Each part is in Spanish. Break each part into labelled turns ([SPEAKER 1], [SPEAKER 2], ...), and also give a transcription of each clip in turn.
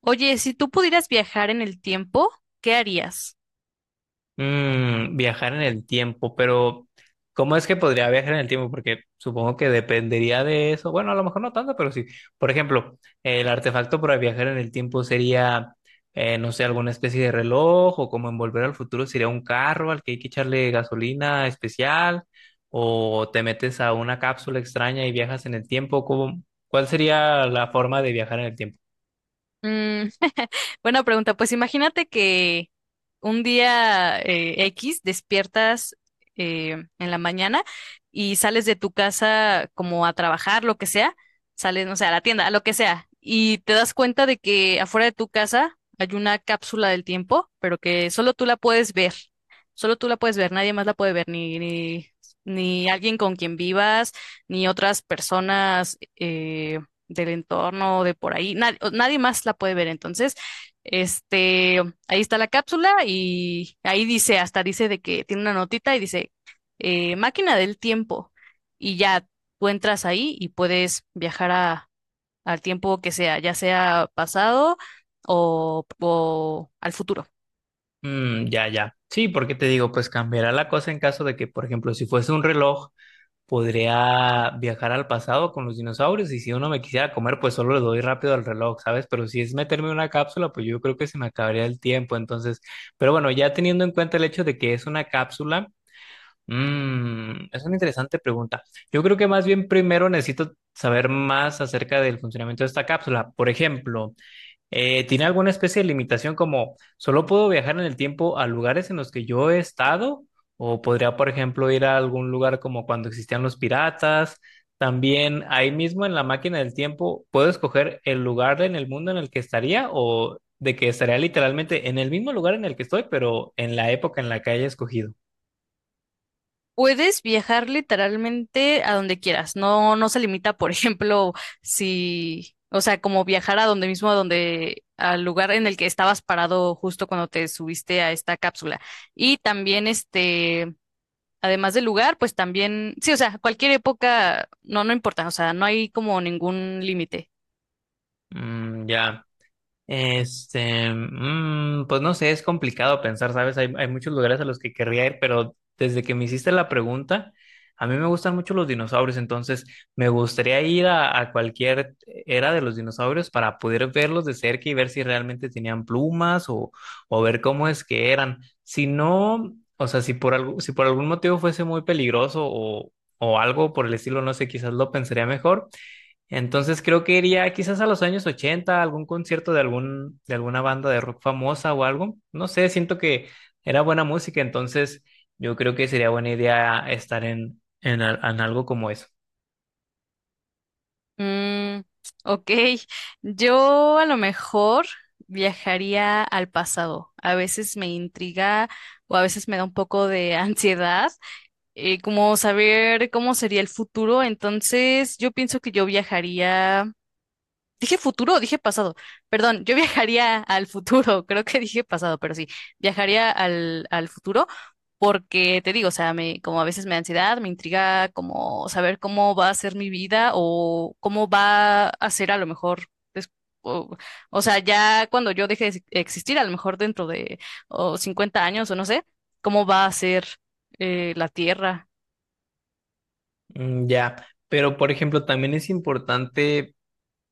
[SPEAKER 1] Oye, si tú pudieras viajar en el tiempo, ¿qué harías?
[SPEAKER 2] Viajar en el tiempo, pero ¿cómo es que podría viajar en el tiempo? Porque supongo que dependería de eso. Bueno, a lo mejor no tanto, pero sí. Por ejemplo, el artefacto para viajar en el tiempo sería, no sé, alguna especie de reloj o como en Volver al Futuro sería un carro al que hay que echarle gasolina especial o te metes a una cápsula extraña y viajas en el tiempo. Cuál sería la forma de viajar en el tiempo?
[SPEAKER 1] Mm, buena pregunta. Pues imagínate que un día X despiertas eh, en la mañana y sales de tu casa como a trabajar, lo que sea, sales, no sé, a la tienda, a lo que sea, y te das cuenta de que afuera de tu casa hay una cápsula del tiempo, pero que solo tú la puedes ver. Solo tú la puedes ver, nadie más la puede ver, ni alguien con quien vivas, ni otras personas. Del entorno o de por ahí. Nadie, nadie más la puede ver. Entonces, este, ahí está la cápsula y ahí dice, hasta dice de que tiene una notita y dice, máquina del tiempo. Y ya tú entras ahí y puedes viajar al tiempo que sea, ya sea pasado o al futuro.
[SPEAKER 2] Mm, ya, ya. Sí, porque te digo, pues cambiará la cosa en caso de que, por ejemplo, si fuese un reloj, podría viajar al pasado con los dinosaurios y si uno me quisiera comer, pues solo le doy rápido al reloj, ¿sabes? Pero si es meterme en una cápsula, pues yo creo que se me acabaría el tiempo. Entonces, pero bueno, ya teniendo en cuenta el hecho de que es una cápsula, es una interesante pregunta. Yo creo que más bien primero necesito saber más acerca del funcionamiento de esta cápsula. Por ejemplo, ¿tiene alguna especie de limitación como solo puedo viajar en el tiempo a lugares en los que yo he estado? ¿O podría, por ejemplo, ir a algún lugar como cuando existían los piratas? También ahí mismo en la máquina del tiempo, ¿puedo escoger el lugar en el mundo en el que estaría o de que estaría literalmente en el mismo lugar en el que estoy, pero en la época en la que haya escogido?
[SPEAKER 1] Puedes viajar literalmente a donde quieras. No, no se limita, por ejemplo, si, o sea, como viajar a donde mismo, a donde, al lugar en el que estabas parado justo cuando te subiste a esta cápsula. Y también, además del lugar, pues también, sí, o sea, cualquier época, no, no importa, o sea, no hay como ningún límite.
[SPEAKER 2] Mm, ya. Este, pues no sé, es complicado pensar, ¿sabes? Hay muchos lugares a los que querría ir, pero desde que me hiciste la pregunta, a mí me gustan mucho los dinosaurios, entonces me gustaría ir a cualquier era de los dinosaurios para poder verlos de cerca y ver si realmente tenían plumas o ver cómo es que eran. Si no, o sea, si por algo, si por algún motivo fuese muy peligroso o algo por el estilo, no sé, quizás lo pensaría mejor entonces creo que iría quizás a los años 80, a algún concierto de algún, de alguna banda de rock famosa o algo. No sé, siento que era buena música, entonces yo creo que sería buena idea estar en, en algo como eso.
[SPEAKER 1] Mm, ok, yo a lo mejor viajaría al pasado. A veces me intriga o a veces me da un poco de ansiedad, como saber cómo sería el futuro. Entonces, yo pienso que yo viajaría. Dije futuro, dije pasado. Perdón, yo viajaría al futuro, creo que dije pasado, pero sí, viajaría al futuro porque te digo, o sea, me, como a veces me da ansiedad, me intriga como saber cómo va a ser mi vida o cómo va a ser a lo mejor des- O, o sea, ya cuando yo deje de existir, a lo mejor dentro de o 50 años o no sé, cómo va a ser la Tierra.
[SPEAKER 2] Mm, ya, pero por ejemplo, también es importante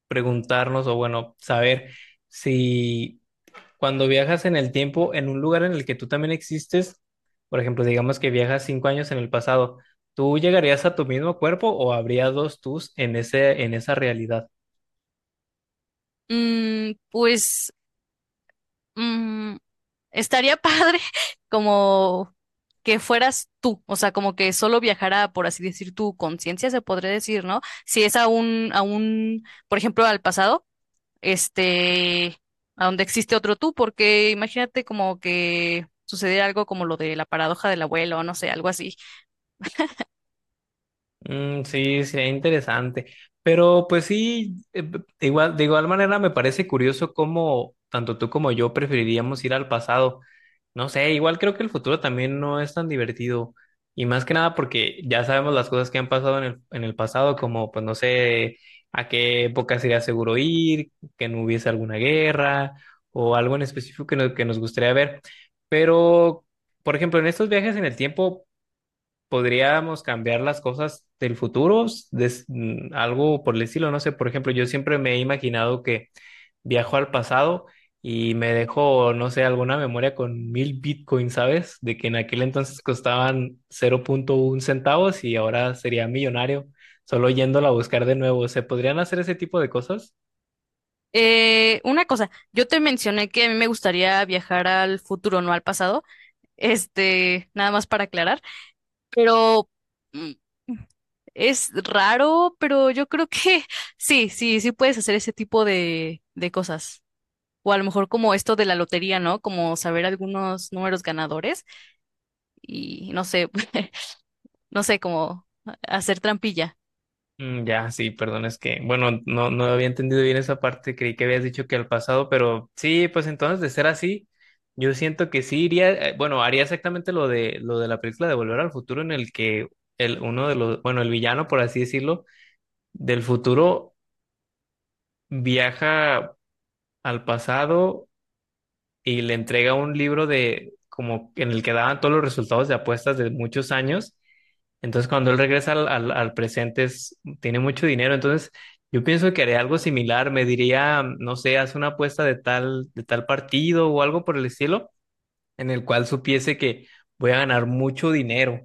[SPEAKER 2] preguntarnos o bueno, saber si cuando viajas en el tiempo, en un lugar en el que tú también existes, por ejemplo, digamos que viajas 5 años en el pasado, ¿tú llegarías a tu mismo cuerpo o habría dos tus en ese, en esa realidad?
[SPEAKER 1] Mm, pues mm, estaría padre como que fueras tú, o sea, como que solo viajara, por así decir, tu conciencia, se podría decir, ¿no? Si es a a un, por ejemplo, al pasado, este, a donde existe otro tú, porque imagínate como que sucediera algo como lo de la paradoja del abuelo, o no sé, algo así.
[SPEAKER 2] Mm, sí, sería interesante. Pero pues sí, de igual manera me parece curioso cómo tanto tú como yo preferiríamos ir al pasado. No sé, igual creo que el futuro también no es tan divertido. Y más que nada porque ya sabemos las cosas que han pasado en el pasado, como pues no sé a qué época sería seguro ir, que no hubiese alguna guerra o algo en específico que nos gustaría ver. Pero, por ejemplo, en estos viajes en el tiempo podríamos cambiar las cosas del futuro, algo por el estilo, no sé, por ejemplo, yo siempre me he imaginado que viajo al pasado y me dejo, no sé, alguna memoria con mil bitcoins, ¿sabes? De que en aquel entonces costaban 0.1 centavos y ahora sería millonario, solo yéndola a buscar de nuevo. ¿Se podrían hacer ese tipo de cosas?
[SPEAKER 1] Una cosa, yo te mencioné que a mí me gustaría viajar al futuro, no al pasado, nada más para aclarar, pero... mm, es raro, pero yo creo que sí puedes hacer ese tipo de cosas. O a lo mejor como esto de la lotería, ¿no? Como saber algunos números ganadores y no sé, no sé, como hacer trampilla.
[SPEAKER 2] Mm, ya, sí, perdón, es que, bueno, no, no había entendido bien esa parte, creí que habías dicho que al pasado, pero sí, pues entonces de ser así, yo siento que sí iría, bueno, haría exactamente lo de la película de Volver al Futuro, en el que el, uno de los, bueno, el villano, por así decirlo, del futuro viaja al pasado y le entrega un libro de, como en el que daban todos los resultados de apuestas de muchos años. Entonces, cuando él regresa al, al presente, tiene mucho dinero. Entonces, yo pienso que haré algo similar. Me diría, no sé, haz una apuesta de tal partido o algo por el estilo, en el cual supiese que voy a ganar mucho dinero.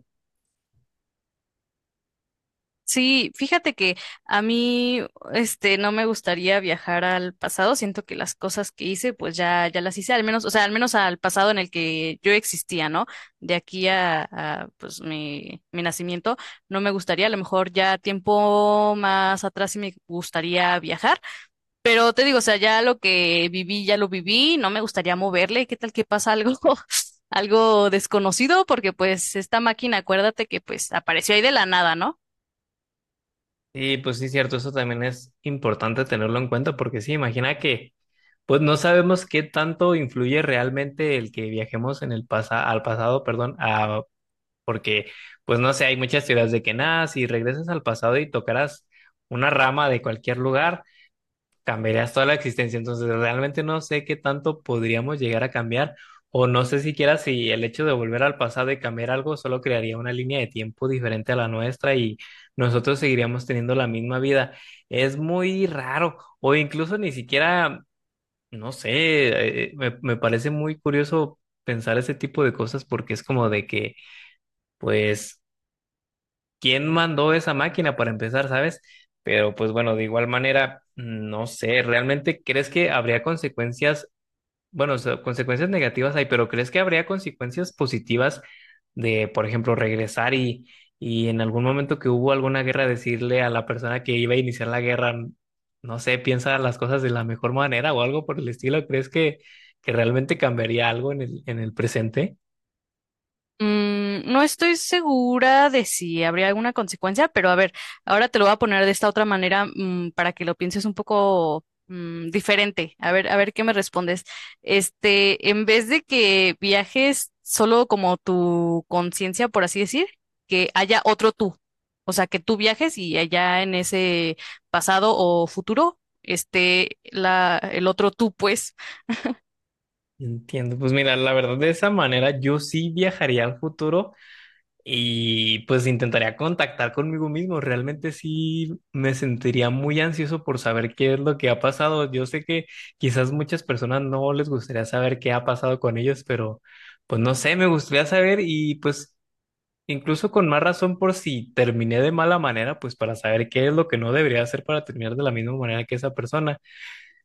[SPEAKER 1] Sí, fíjate que a mí, no me gustaría viajar al pasado. Siento que las cosas que hice, pues ya las hice, al menos, o sea, al menos al pasado en el que yo existía, ¿no? De aquí a, pues, mi nacimiento, no me gustaría. A lo mejor ya tiempo más atrás sí me gustaría viajar. Pero te digo, o sea, ya lo que viví, ya lo viví. No me gustaría moverle. ¿Qué tal que pasa algo? Algo desconocido, porque pues esta máquina, acuérdate que pues apareció ahí de la nada, ¿no?
[SPEAKER 2] Y pues sí, cierto, eso también es importante tenerlo en cuenta, porque sí, imagina que, pues no sabemos qué tanto influye realmente el que viajemos en el al pasado, perdón, a porque, pues no sé, hay muchas teorías de que nada, si regresas al pasado y tocaras una rama de cualquier lugar, cambiarías toda la existencia. Entonces, realmente no sé qué tanto podríamos llegar a cambiar, o no sé siquiera si el hecho de volver al pasado y cambiar algo solo crearía una línea de tiempo diferente a la nuestra y nosotros seguiríamos teniendo la misma vida. Es muy raro, o incluso ni siquiera, no sé, me parece muy curioso pensar ese tipo de cosas porque es como de que, pues, quién mandó esa máquina para empezar, ¿sabes? Pero pues bueno, de igual manera, no sé, ¿realmente crees que habría consecuencias? Bueno, o sea, consecuencias negativas hay, pero ¿crees que habría consecuencias positivas de, por ejemplo, regresar y en algún momento que hubo alguna guerra decirle a la persona que iba a iniciar la guerra, no sé, piensa las cosas de la mejor manera o algo por el estilo? ¿Crees que realmente cambiaría algo en el presente?
[SPEAKER 1] Mm, no estoy segura de si habría alguna consecuencia, pero a ver, ahora te lo voy a poner de esta otra manera, mm, para que lo pienses un poco mm, diferente. A ver qué me respondes. En vez de que viajes solo como tu conciencia, por así decir, que haya otro tú. O sea, que tú viajes y allá en ese pasado o futuro esté la, el otro tú, pues.
[SPEAKER 2] Entiendo, pues mira, la verdad de esa manera yo sí viajaría al futuro y pues intentaría contactar conmigo mismo. Realmente sí me sentiría muy ansioso por saber qué es lo que ha pasado. Yo sé que quizás muchas personas no les gustaría saber qué ha pasado con ellos, pero pues no sé, me gustaría saber y pues incluso con más razón por si terminé de mala manera, pues para saber qué es lo que no debería hacer para terminar de la misma manera que esa persona.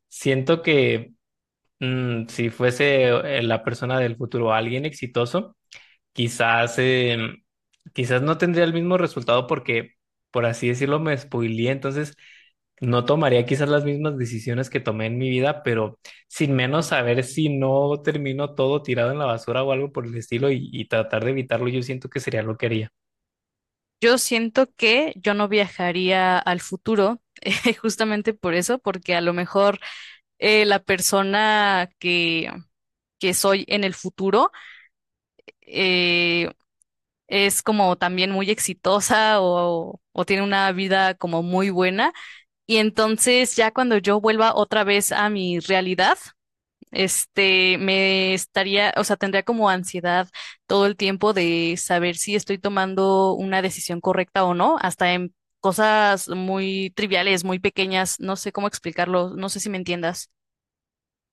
[SPEAKER 2] Siento que si fuese la persona del futuro alguien exitoso, quizás, quizás no tendría el mismo resultado porque, por así decirlo, me spoileé, entonces no tomaría quizás las mismas decisiones que tomé en mi vida, pero sin menos saber si no termino todo tirado en la basura o algo por el estilo y tratar de evitarlo, yo siento que sería lo que haría.
[SPEAKER 1] Yo siento que yo no viajaría al futuro, justamente por eso, porque a lo mejor la persona que soy en el futuro eh, es como también muy exitosa o tiene una vida como muy buena. Y entonces ya cuando yo vuelva otra vez a mi realidad, me estaría, o sea, tendría como ansiedad todo el tiempo de saber si estoy tomando una decisión correcta o no, hasta en cosas muy triviales, muy pequeñas, no sé cómo explicarlo, no sé si me entiendas.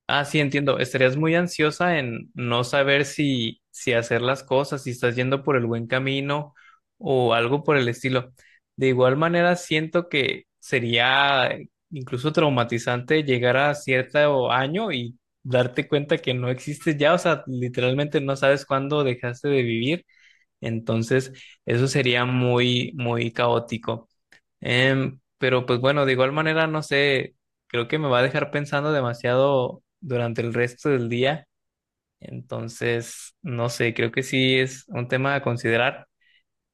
[SPEAKER 2] Ah, sí, entiendo. Estarías muy ansiosa en no saber si, si hacer las cosas, si estás yendo por el buen camino o algo por el estilo. De igual manera, siento que sería incluso traumatizante llegar a cierto año y darte cuenta que no existes ya, o sea, literalmente no sabes cuándo dejaste de vivir. Entonces, eso sería muy, muy caótico. Pero pues bueno, de igual manera, no sé, creo que me va a dejar pensando demasiado durante el resto del día. Entonces, no sé, creo que sí es un tema a considerar.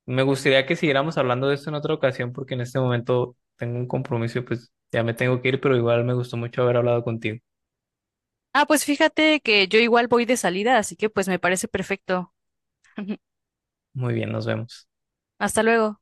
[SPEAKER 2] Me gustaría que siguiéramos hablando de esto en otra ocasión porque en este momento tengo un compromiso y pues ya me tengo que ir, pero igual me gustó mucho haber hablado contigo.
[SPEAKER 1] Ah, pues fíjate que yo igual voy de salida, así que pues me parece perfecto.
[SPEAKER 2] Muy bien, nos vemos.
[SPEAKER 1] Hasta luego.